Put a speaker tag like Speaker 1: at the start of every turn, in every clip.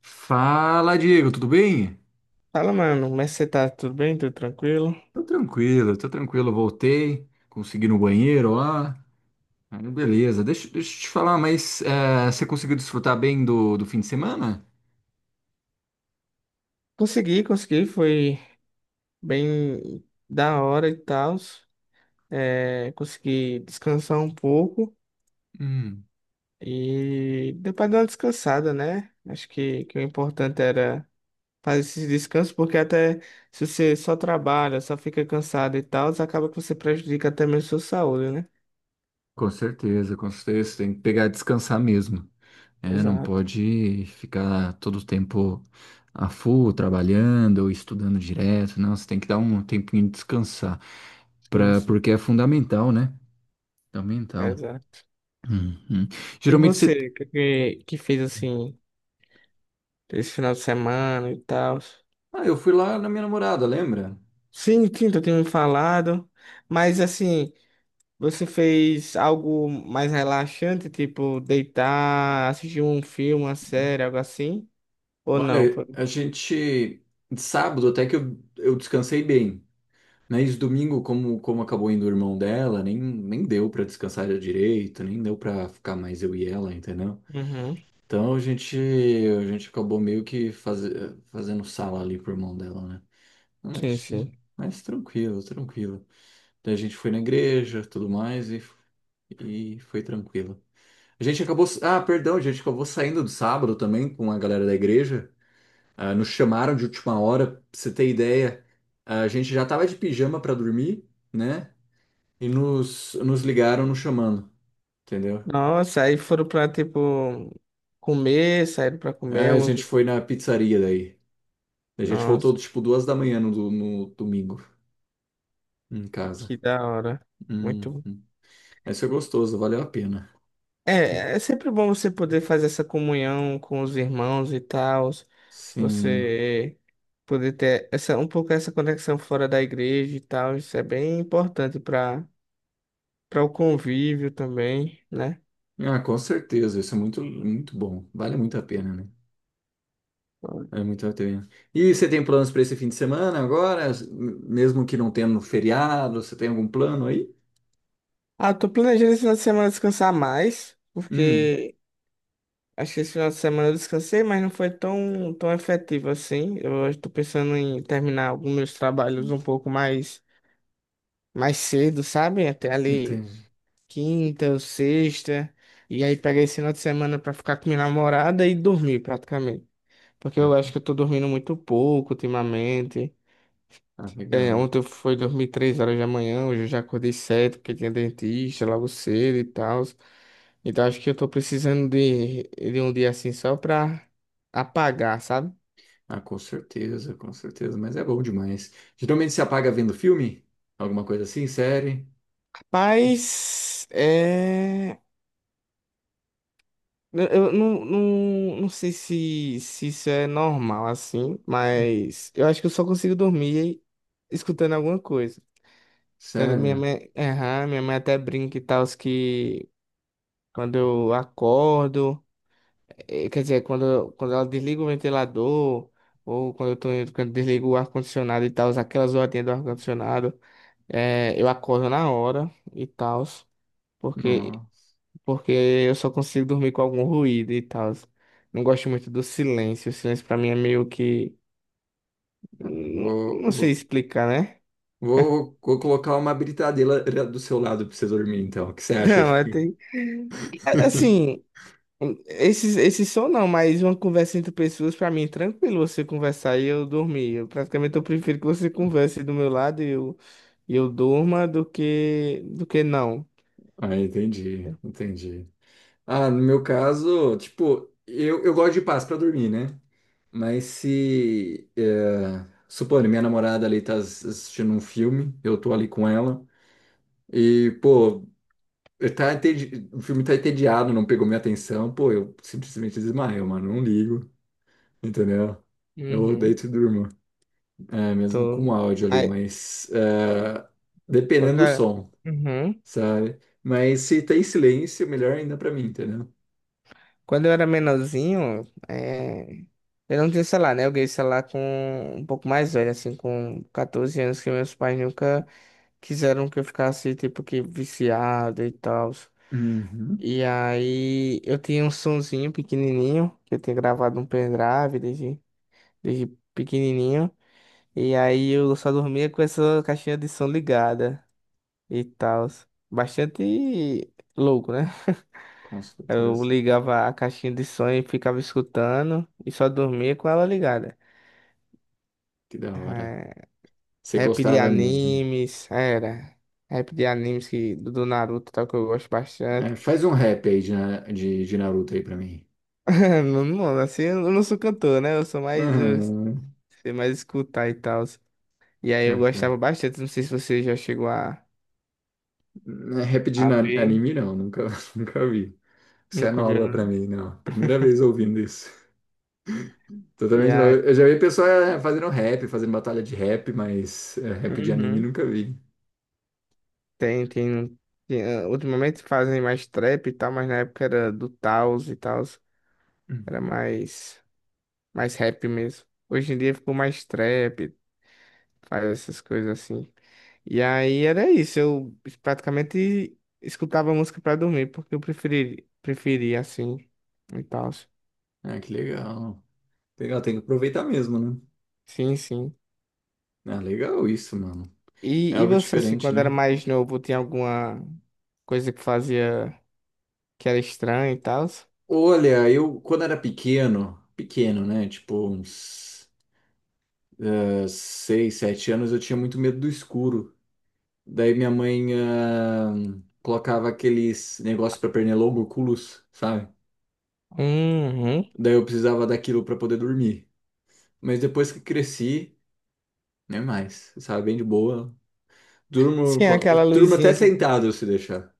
Speaker 1: Fala, Diego, tudo bem?
Speaker 2: Fala, mano, como é que você tá? Tudo bem? Tudo tranquilo?
Speaker 1: Tô tranquilo, tô tranquilo. Voltei, consegui ir no banheiro lá. Aí, beleza, deixa eu te falar, mas você conseguiu desfrutar bem do fim de semana?
Speaker 2: Consegui, foi bem da hora e tal. É, consegui descansar um pouco
Speaker 1: Hum,
Speaker 2: e deu pra dar uma descansada, né? Acho que o importante era fazer esse descanso, porque até se você só trabalha, só fica cansado e tal, acaba que você prejudica até mesmo sua saúde, né?
Speaker 1: com certeza, com certeza. Tem que pegar e descansar mesmo. É, não
Speaker 2: Exato.
Speaker 1: pode ficar todo o tempo a full, trabalhando ou estudando direto. Não, você tem que dar um tempinho de descansar,
Speaker 2: Sim, sim.
Speaker 1: porque é fundamental, né? É fundamental.
Speaker 2: Exato.
Speaker 1: Uhum.
Speaker 2: E
Speaker 1: Geralmente você
Speaker 2: você, o que fez assim esse final de semana e tal?
Speaker 1: Ah, eu fui lá na minha namorada, lembra?
Speaker 2: Sim, sim, tu tem me falado. Mas assim, você fez algo mais relaxante, tipo deitar, assistir um filme, uma série, algo assim? Ou não?
Speaker 1: Olha, a gente. De sábado até que eu descansei bem. Mas domingo, como acabou indo o irmão dela, nem deu pra descansar direito, nem deu pra ficar mais eu e ela, entendeu?
Speaker 2: Uhum.
Speaker 1: Então a gente acabou meio que fazendo sala ali pro irmão dela, né?
Speaker 2: Sim,
Speaker 1: Mas,
Speaker 2: sim.
Speaker 1: mas tranquilo, tranquilo. Daí a gente foi na igreja, tudo mais, e foi tranquilo. A gente acabou. Ah, perdão, a gente acabou saindo do sábado também com a galera da igreja. Ah, nos chamaram de última hora, pra você ter ideia. Ah, a gente já tava de pijama pra dormir, né? E nos ligaram nos chamando, entendeu?
Speaker 2: Nossa, aí foram pra, tipo, comer, saíram pra comer
Speaker 1: Aí a gente foi na pizzaria daí. A gente
Speaker 2: nossa,
Speaker 1: voltou tipo 2 da manhã no domingo em casa.
Speaker 2: que da hora.
Speaker 1: Hum,
Speaker 2: Muito
Speaker 1: hum. Mas foi gostoso, valeu a pena.
Speaker 2: É, é sempre bom você poder fazer essa comunhão com os irmãos e tal,
Speaker 1: Sim.
Speaker 2: você poder ter essa, um pouco essa conexão fora da igreja e tal, isso é bem importante para o convívio também, né?
Speaker 1: Ah, com certeza, isso é muito, muito bom. Vale muito a pena, né? É muito ateu. E você tem planos para esse fim de semana agora? Mesmo que não tenha no feriado, você tem algum plano aí?
Speaker 2: Ah, tô planejando esse final de semana descansar mais,
Speaker 1: Hum,
Speaker 2: porque acho que esse final de semana eu descansei, mas não foi tão efetivo assim. Eu estou pensando em terminar alguns meus trabalhos um pouco mais cedo, sabe? Até ali
Speaker 1: entendi.
Speaker 2: quinta ou sexta, e aí peguei esse final de semana pra ficar com minha namorada e dormir praticamente. Porque eu
Speaker 1: Ah,
Speaker 2: acho que eu tô dormindo muito pouco ultimamente.
Speaker 1: ah,
Speaker 2: É,
Speaker 1: legal.
Speaker 2: ontem eu fui dormir três horas da manhã, hoje eu já acordei cedo, porque tinha dentista logo cedo e tal. Então acho que eu tô precisando de um dia assim só pra apagar, sabe?
Speaker 1: Ah, com certeza, com certeza. Mas é bom demais. Geralmente se apaga vendo filme? Alguma coisa assim? Série?
Speaker 2: Mas é. Eu não sei se isso é normal assim,
Speaker 1: Hum,
Speaker 2: mas eu acho que eu só consigo dormir escutando alguma coisa. Tanto minha
Speaker 1: sério?
Speaker 2: mãe, aham, minha mãe até brinca e tal, que quando eu acordo, quer dizer, quando, quando ela desliga o ventilador, ou quando eu tô, quando desligo o ar-condicionado e tal, aquelas horinhas do ar-condicionado, eu acordo na hora e tal, porque
Speaker 1: Nossa.
Speaker 2: porque eu só consigo dormir com algum ruído e tal. Não gosto muito do silêncio. O silêncio pra mim é meio que. Não,
Speaker 1: Vou,
Speaker 2: não sei
Speaker 1: vou,
Speaker 2: explicar, né?
Speaker 1: vou colocar uma britadeira do seu lado para você dormir, então. O que você acha aí?
Speaker 2: Não, é tem. Assim, esses som não, mas uma conversa entre pessoas, pra mim, é tranquilo você conversar e eu dormir. Eu praticamente eu prefiro que você converse do meu lado e eu durma do que não.
Speaker 1: Ah, entendi, entendi. Ah, no meu caso, tipo, eu gosto de paz pra dormir, né? Mas se, é, supondo, minha namorada ali tá assistindo um filme, eu tô ali com ela, e, pô, o filme tá entediado, não pegou minha atenção, pô, eu simplesmente desmaio, mano, não ligo, entendeu? Eu
Speaker 2: Uhum,
Speaker 1: deito e durmo, é, mesmo com
Speaker 2: tô.
Speaker 1: áudio ali,
Speaker 2: Mas,
Speaker 1: mas é,
Speaker 2: quando
Speaker 1: dependendo
Speaker 2: eu
Speaker 1: do
Speaker 2: era,
Speaker 1: som,
Speaker 2: uhum,
Speaker 1: sabe? Mas se tem silêncio, melhor ainda pra mim, entendeu?
Speaker 2: quando eu era menorzinho, eu não tinha celular, né? Eu ganhei celular com um pouco mais velho, assim, com 14 anos, que meus pais nunca quiseram que eu ficasse, tipo, que viciado e tal.
Speaker 1: Uhum,
Speaker 2: E aí eu tinha um sonzinho pequenininho, que eu tinha gravado um pendrive desde pequenininho. E aí eu só dormia com essa caixinha de som ligada e tal. Bastante louco, né?
Speaker 1: com
Speaker 2: Eu
Speaker 1: certeza.
Speaker 2: ligava a caixinha de som e ficava escutando e só dormia com ela ligada.
Speaker 1: Que da hora. Você
Speaker 2: Rap de
Speaker 1: gostava mesmo.
Speaker 2: animes, era. Rap de animes que, do Naruto, tal, que eu gosto bastante.
Speaker 1: É, faz um rap aí de Naruto aí pra mim.
Speaker 2: Não, não, assim, eu não sou cantor, né? Eu sou mais, eu
Speaker 1: Uhum.
Speaker 2: sei mais escutar e tal. E aí eu
Speaker 1: Vai,
Speaker 2: gostava bastante, não sei se você já chegou
Speaker 1: não é rap de
Speaker 2: a
Speaker 1: na-
Speaker 2: ver,
Speaker 1: anime não, nunca, nunca vi. Isso é
Speaker 2: nunca viu,
Speaker 1: nova pra
Speaker 2: não.
Speaker 1: mim, não. Primeira vez ouvindo isso.
Speaker 2: E
Speaker 1: Totalmente novo.
Speaker 2: aí,
Speaker 1: Eu já vi pessoa fazendo rap, fazendo batalha de rap, mas é, rap de anime
Speaker 2: uhum,
Speaker 1: nunca vi.
Speaker 2: tem, tem, ah, ultimamente fazem mais trap e tal, mas na época era do Taos e tal,
Speaker 1: Hum.
Speaker 2: era mais rap mesmo. Hoje em dia ficou mais trap, faz essas coisas assim. E aí era isso, eu praticamente escutava música pra dormir, porque eu preferia assim e tal.
Speaker 1: Ah, que legal. Legal, tem que aproveitar mesmo, né?
Speaker 2: Sim, sim.
Speaker 1: Ah, legal isso, mano. É
Speaker 2: E
Speaker 1: algo
Speaker 2: você, assim,
Speaker 1: diferente,
Speaker 2: quando era
Speaker 1: né?
Speaker 2: mais novo, tinha alguma coisa que fazia que era estranha e tal?
Speaker 1: Olha, eu quando era pequeno, pequeno, né? Tipo uns 6, 7 anos, eu tinha muito medo do escuro. Daí minha mãe colocava aqueles negócios para pernilongo, oculus, sabe?
Speaker 2: Uhum.
Speaker 1: Daí eu precisava daquilo para poder dormir. Mas depois que cresci, nem mais, sabe? Bem de boa. Durmo,
Speaker 2: Sim, aquela
Speaker 1: durmo até
Speaker 2: luzinha que.
Speaker 1: sentado se deixar,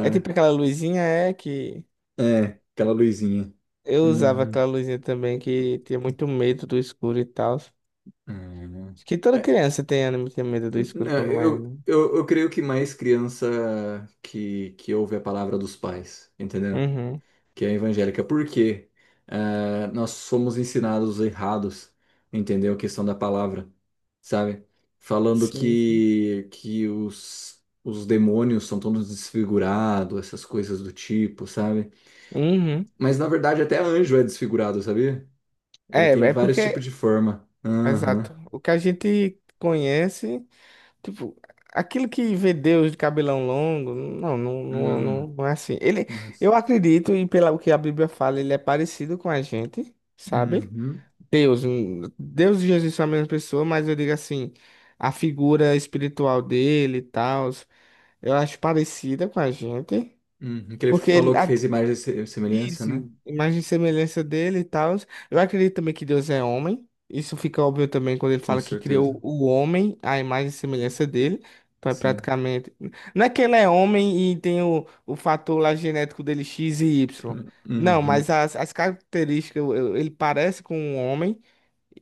Speaker 2: É tipo aquela luzinha, é que.
Speaker 1: É, aquela luzinha.
Speaker 2: Eu usava
Speaker 1: Uhum.
Speaker 2: aquela luzinha também que tinha muito medo do escuro e tal. Acho
Speaker 1: Uhum.
Speaker 2: que toda
Speaker 1: É,
Speaker 2: criança tem, né, tem medo do
Speaker 1: n- n-
Speaker 2: escuro quando mais
Speaker 1: eu,
Speaker 2: novo.
Speaker 1: eu, eu creio que mais criança que ouve a palavra dos pais, entendeu?
Speaker 2: Uhum.
Speaker 1: Que é evangélica, porque nós somos ensinados errados, entendeu? A questão da palavra, sabe? Falando
Speaker 2: Sim, sim.
Speaker 1: que os demônios são todos desfigurados, essas coisas do tipo, sabe?
Speaker 2: Uhum.
Speaker 1: Mas na verdade até anjo é desfigurado, sabia? Ele
Speaker 2: É,
Speaker 1: tem
Speaker 2: é
Speaker 1: vários
Speaker 2: porque,
Speaker 1: tipos de forma. Aham.
Speaker 2: exato, o que a gente conhece, tipo, aquilo que vê Deus de cabelão longo,
Speaker 1: Hum,
Speaker 2: não é assim. Ele, eu
Speaker 1: nossa.
Speaker 2: acredito, e pelo que a Bíblia fala, ele é parecido com a gente, sabe?
Speaker 1: Uhum.
Speaker 2: Deus, Deus e Jesus são a mesma pessoa, mas eu digo assim, a figura espiritual dele e tal, eu acho parecida com a gente,
Speaker 1: Uhum. Que ele
Speaker 2: porque ele,
Speaker 1: falou que fez imagem e semelhança,
Speaker 2: isso,
Speaker 1: né?
Speaker 2: imagem e semelhança dele e tal. Eu acredito também que Deus é homem. Isso fica óbvio também quando ele
Speaker 1: Com
Speaker 2: fala que
Speaker 1: certeza.
Speaker 2: criou o homem, a imagem e semelhança dele.
Speaker 1: Sim.
Speaker 2: Praticamente. Não é que ele é homem e tem o fator lá genético dele X e Y. Não,
Speaker 1: Uhum.
Speaker 2: mas as características, ele parece com um homem.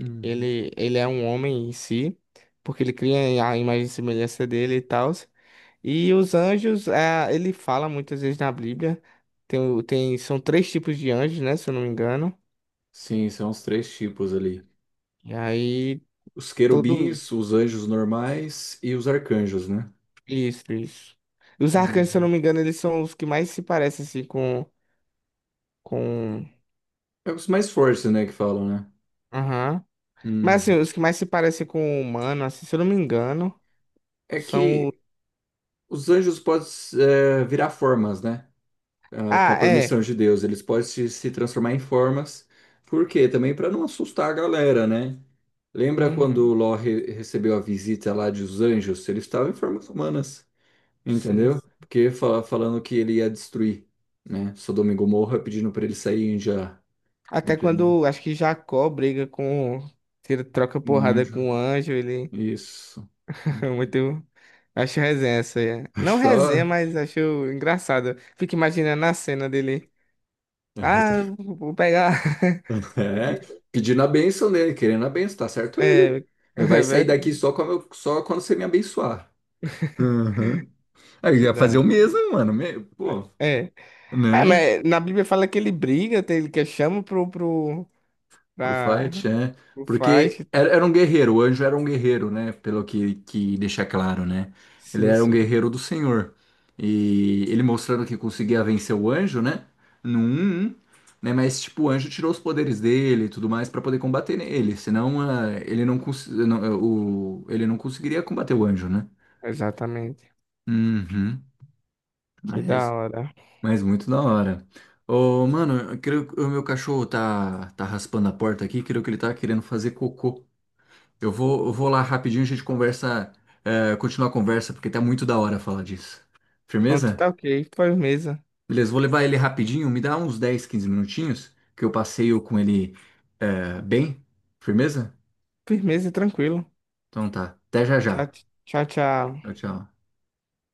Speaker 1: Uhum.
Speaker 2: Ele é um homem em si, porque ele cria a imagem e semelhança dele e tal. E os anjos, ah, ele fala muitas vezes na Bíblia, são três tipos de anjos, né, se eu não me engano.
Speaker 1: Sim, são os três tipos ali.
Speaker 2: E aí,
Speaker 1: Os
Speaker 2: tudo isso.
Speaker 1: querubins, os anjos normais e os arcanjos, né?
Speaker 2: Isso, isso. E os arcanjos, se eu não
Speaker 1: Uhum.
Speaker 2: me engano, eles são os que mais se parecem, assim, com...
Speaker 1: É os mais fortes, né, que falam, né?
Speaker 2: Aham. Mas, assim,
Speaker 1: Uhum.
Speaker 2: os que mais se parecem com o humano, assim, se eu não me engano,
Speaker 1: É
Speaker 2: são... o-
Speaker 1: que os anjos podem virar formas, né? Ah, com a
Speaker 2: ah,
Speaker 1: permissão
Speaker 2: é.
Speaker 1: de Deus, eles podem se transformar em formas. Por quê? Também para não assustar a galera, né? Lembra quando
Speaker 2: Uhum.
Speaker 1: o Ló recebeu a visita lá dos anjos? Eles estavam em formas humanas.
Speaker 2: Sim,
Speaker 1: Entendeu?
Speaker 2: sim.
Speaker 1: Porque falando que ele ia destruir, né? Sodoma e Gomorra, pedindo para ele sair já,
Speaker 2: Até
Speaker 1: entendeu?
Speaker 2: quando, acho que Jacó briga com... tira, troca
Speaker 1: Um
Speaker 2: porrada
Speaker 1: anjo,
Speaker 2: com o anjo, ele...
Speaker 1: isso.
Speaker 2: muito. Acho resenha essa aí. É.
Speaker 1: Acho
Speaker 2: Não
Speaker 1: que
Speaker 2: resenha,
Speaker 1: tava...
Speaker 2: mas acho engraçado. Fico imaginando a cena dele. Ah, vou pegar.
Speaker 1: É, pedindo a bênção dele, querendo a bênção, tá certo ele.
Speaker 2: É,
Speaker 1: Vai
Speaker 2: é
Speaker 1: sair daqui
Speaker 2: verdade.
Speaker 1: só quando, só quando você me abençoar. Uhum. Aí eu
Speaker 2: Que
Speaker 1: ia
Speaker 2: da
Speaker 1: fazer o
Speaker 2: hora.
Speaker 1: mesmo, mano. Pô,
Speaker 2: É.
Speaker 1: né?
Speaker 2: Mas na Bíblia fala que ele briga, ele que chama
Speaker 1: Pro
Speaker 2: pra,
Speaker 1: fight, é.
Speaker 2: pro
Speaker 1: Porque
Speaker 2: fight.
Speaker 1: era um guerreiro, o anjo era um guerreiro, né? Pelo que deixa claro, né? Ele
Speaker 2: Sim,
Speaker 1: era um
Speaker 2: sim.
Speaker 1: guerreiro do Senhor. E ele mostrando que conseguia vencer o anjo, né? No 1-1, né? Mas, tipo, o anjo tirou os poderes dele e tudo mais pra poder combater ele, senão, ele não, não, ele não conseguiria combater o anjo, né?
Speaker 2: Exatamente.
Speaker 1: Uhum.
Speaker 2: Que da
Speaker 1: Mas,
Speaker 2: hora.
Speaker 1: mas muito da hora. Ô, mano, eu creio que o meu cachorro tá raspando a porta aqui, creio que ele tá querendo fazer cocô. Eu vou lá rapidinho, a gente conversa, é, continua a conversa, porque tá muito da hora falar disso.
Speaker 2: Pronto,
Speaker 1: Firmeza?
Speaker 2: tá ok. Firmeza.
Speaker 1: Beleza, vou levar ele rapidinho, me dá uns 10, 15 minutinhos, que eu passeio com ele, é, bem. Firmeza?
Speaker 2: Firmeza, tranquilo.
Speaker 1: Então tá, até já
Speaker 2: Tchau,
Speaker 1: já.
Speaker 2: tchau,
Speaker 1: Tchau,
Speaker 2: tchau.
Speaker 1: tchau.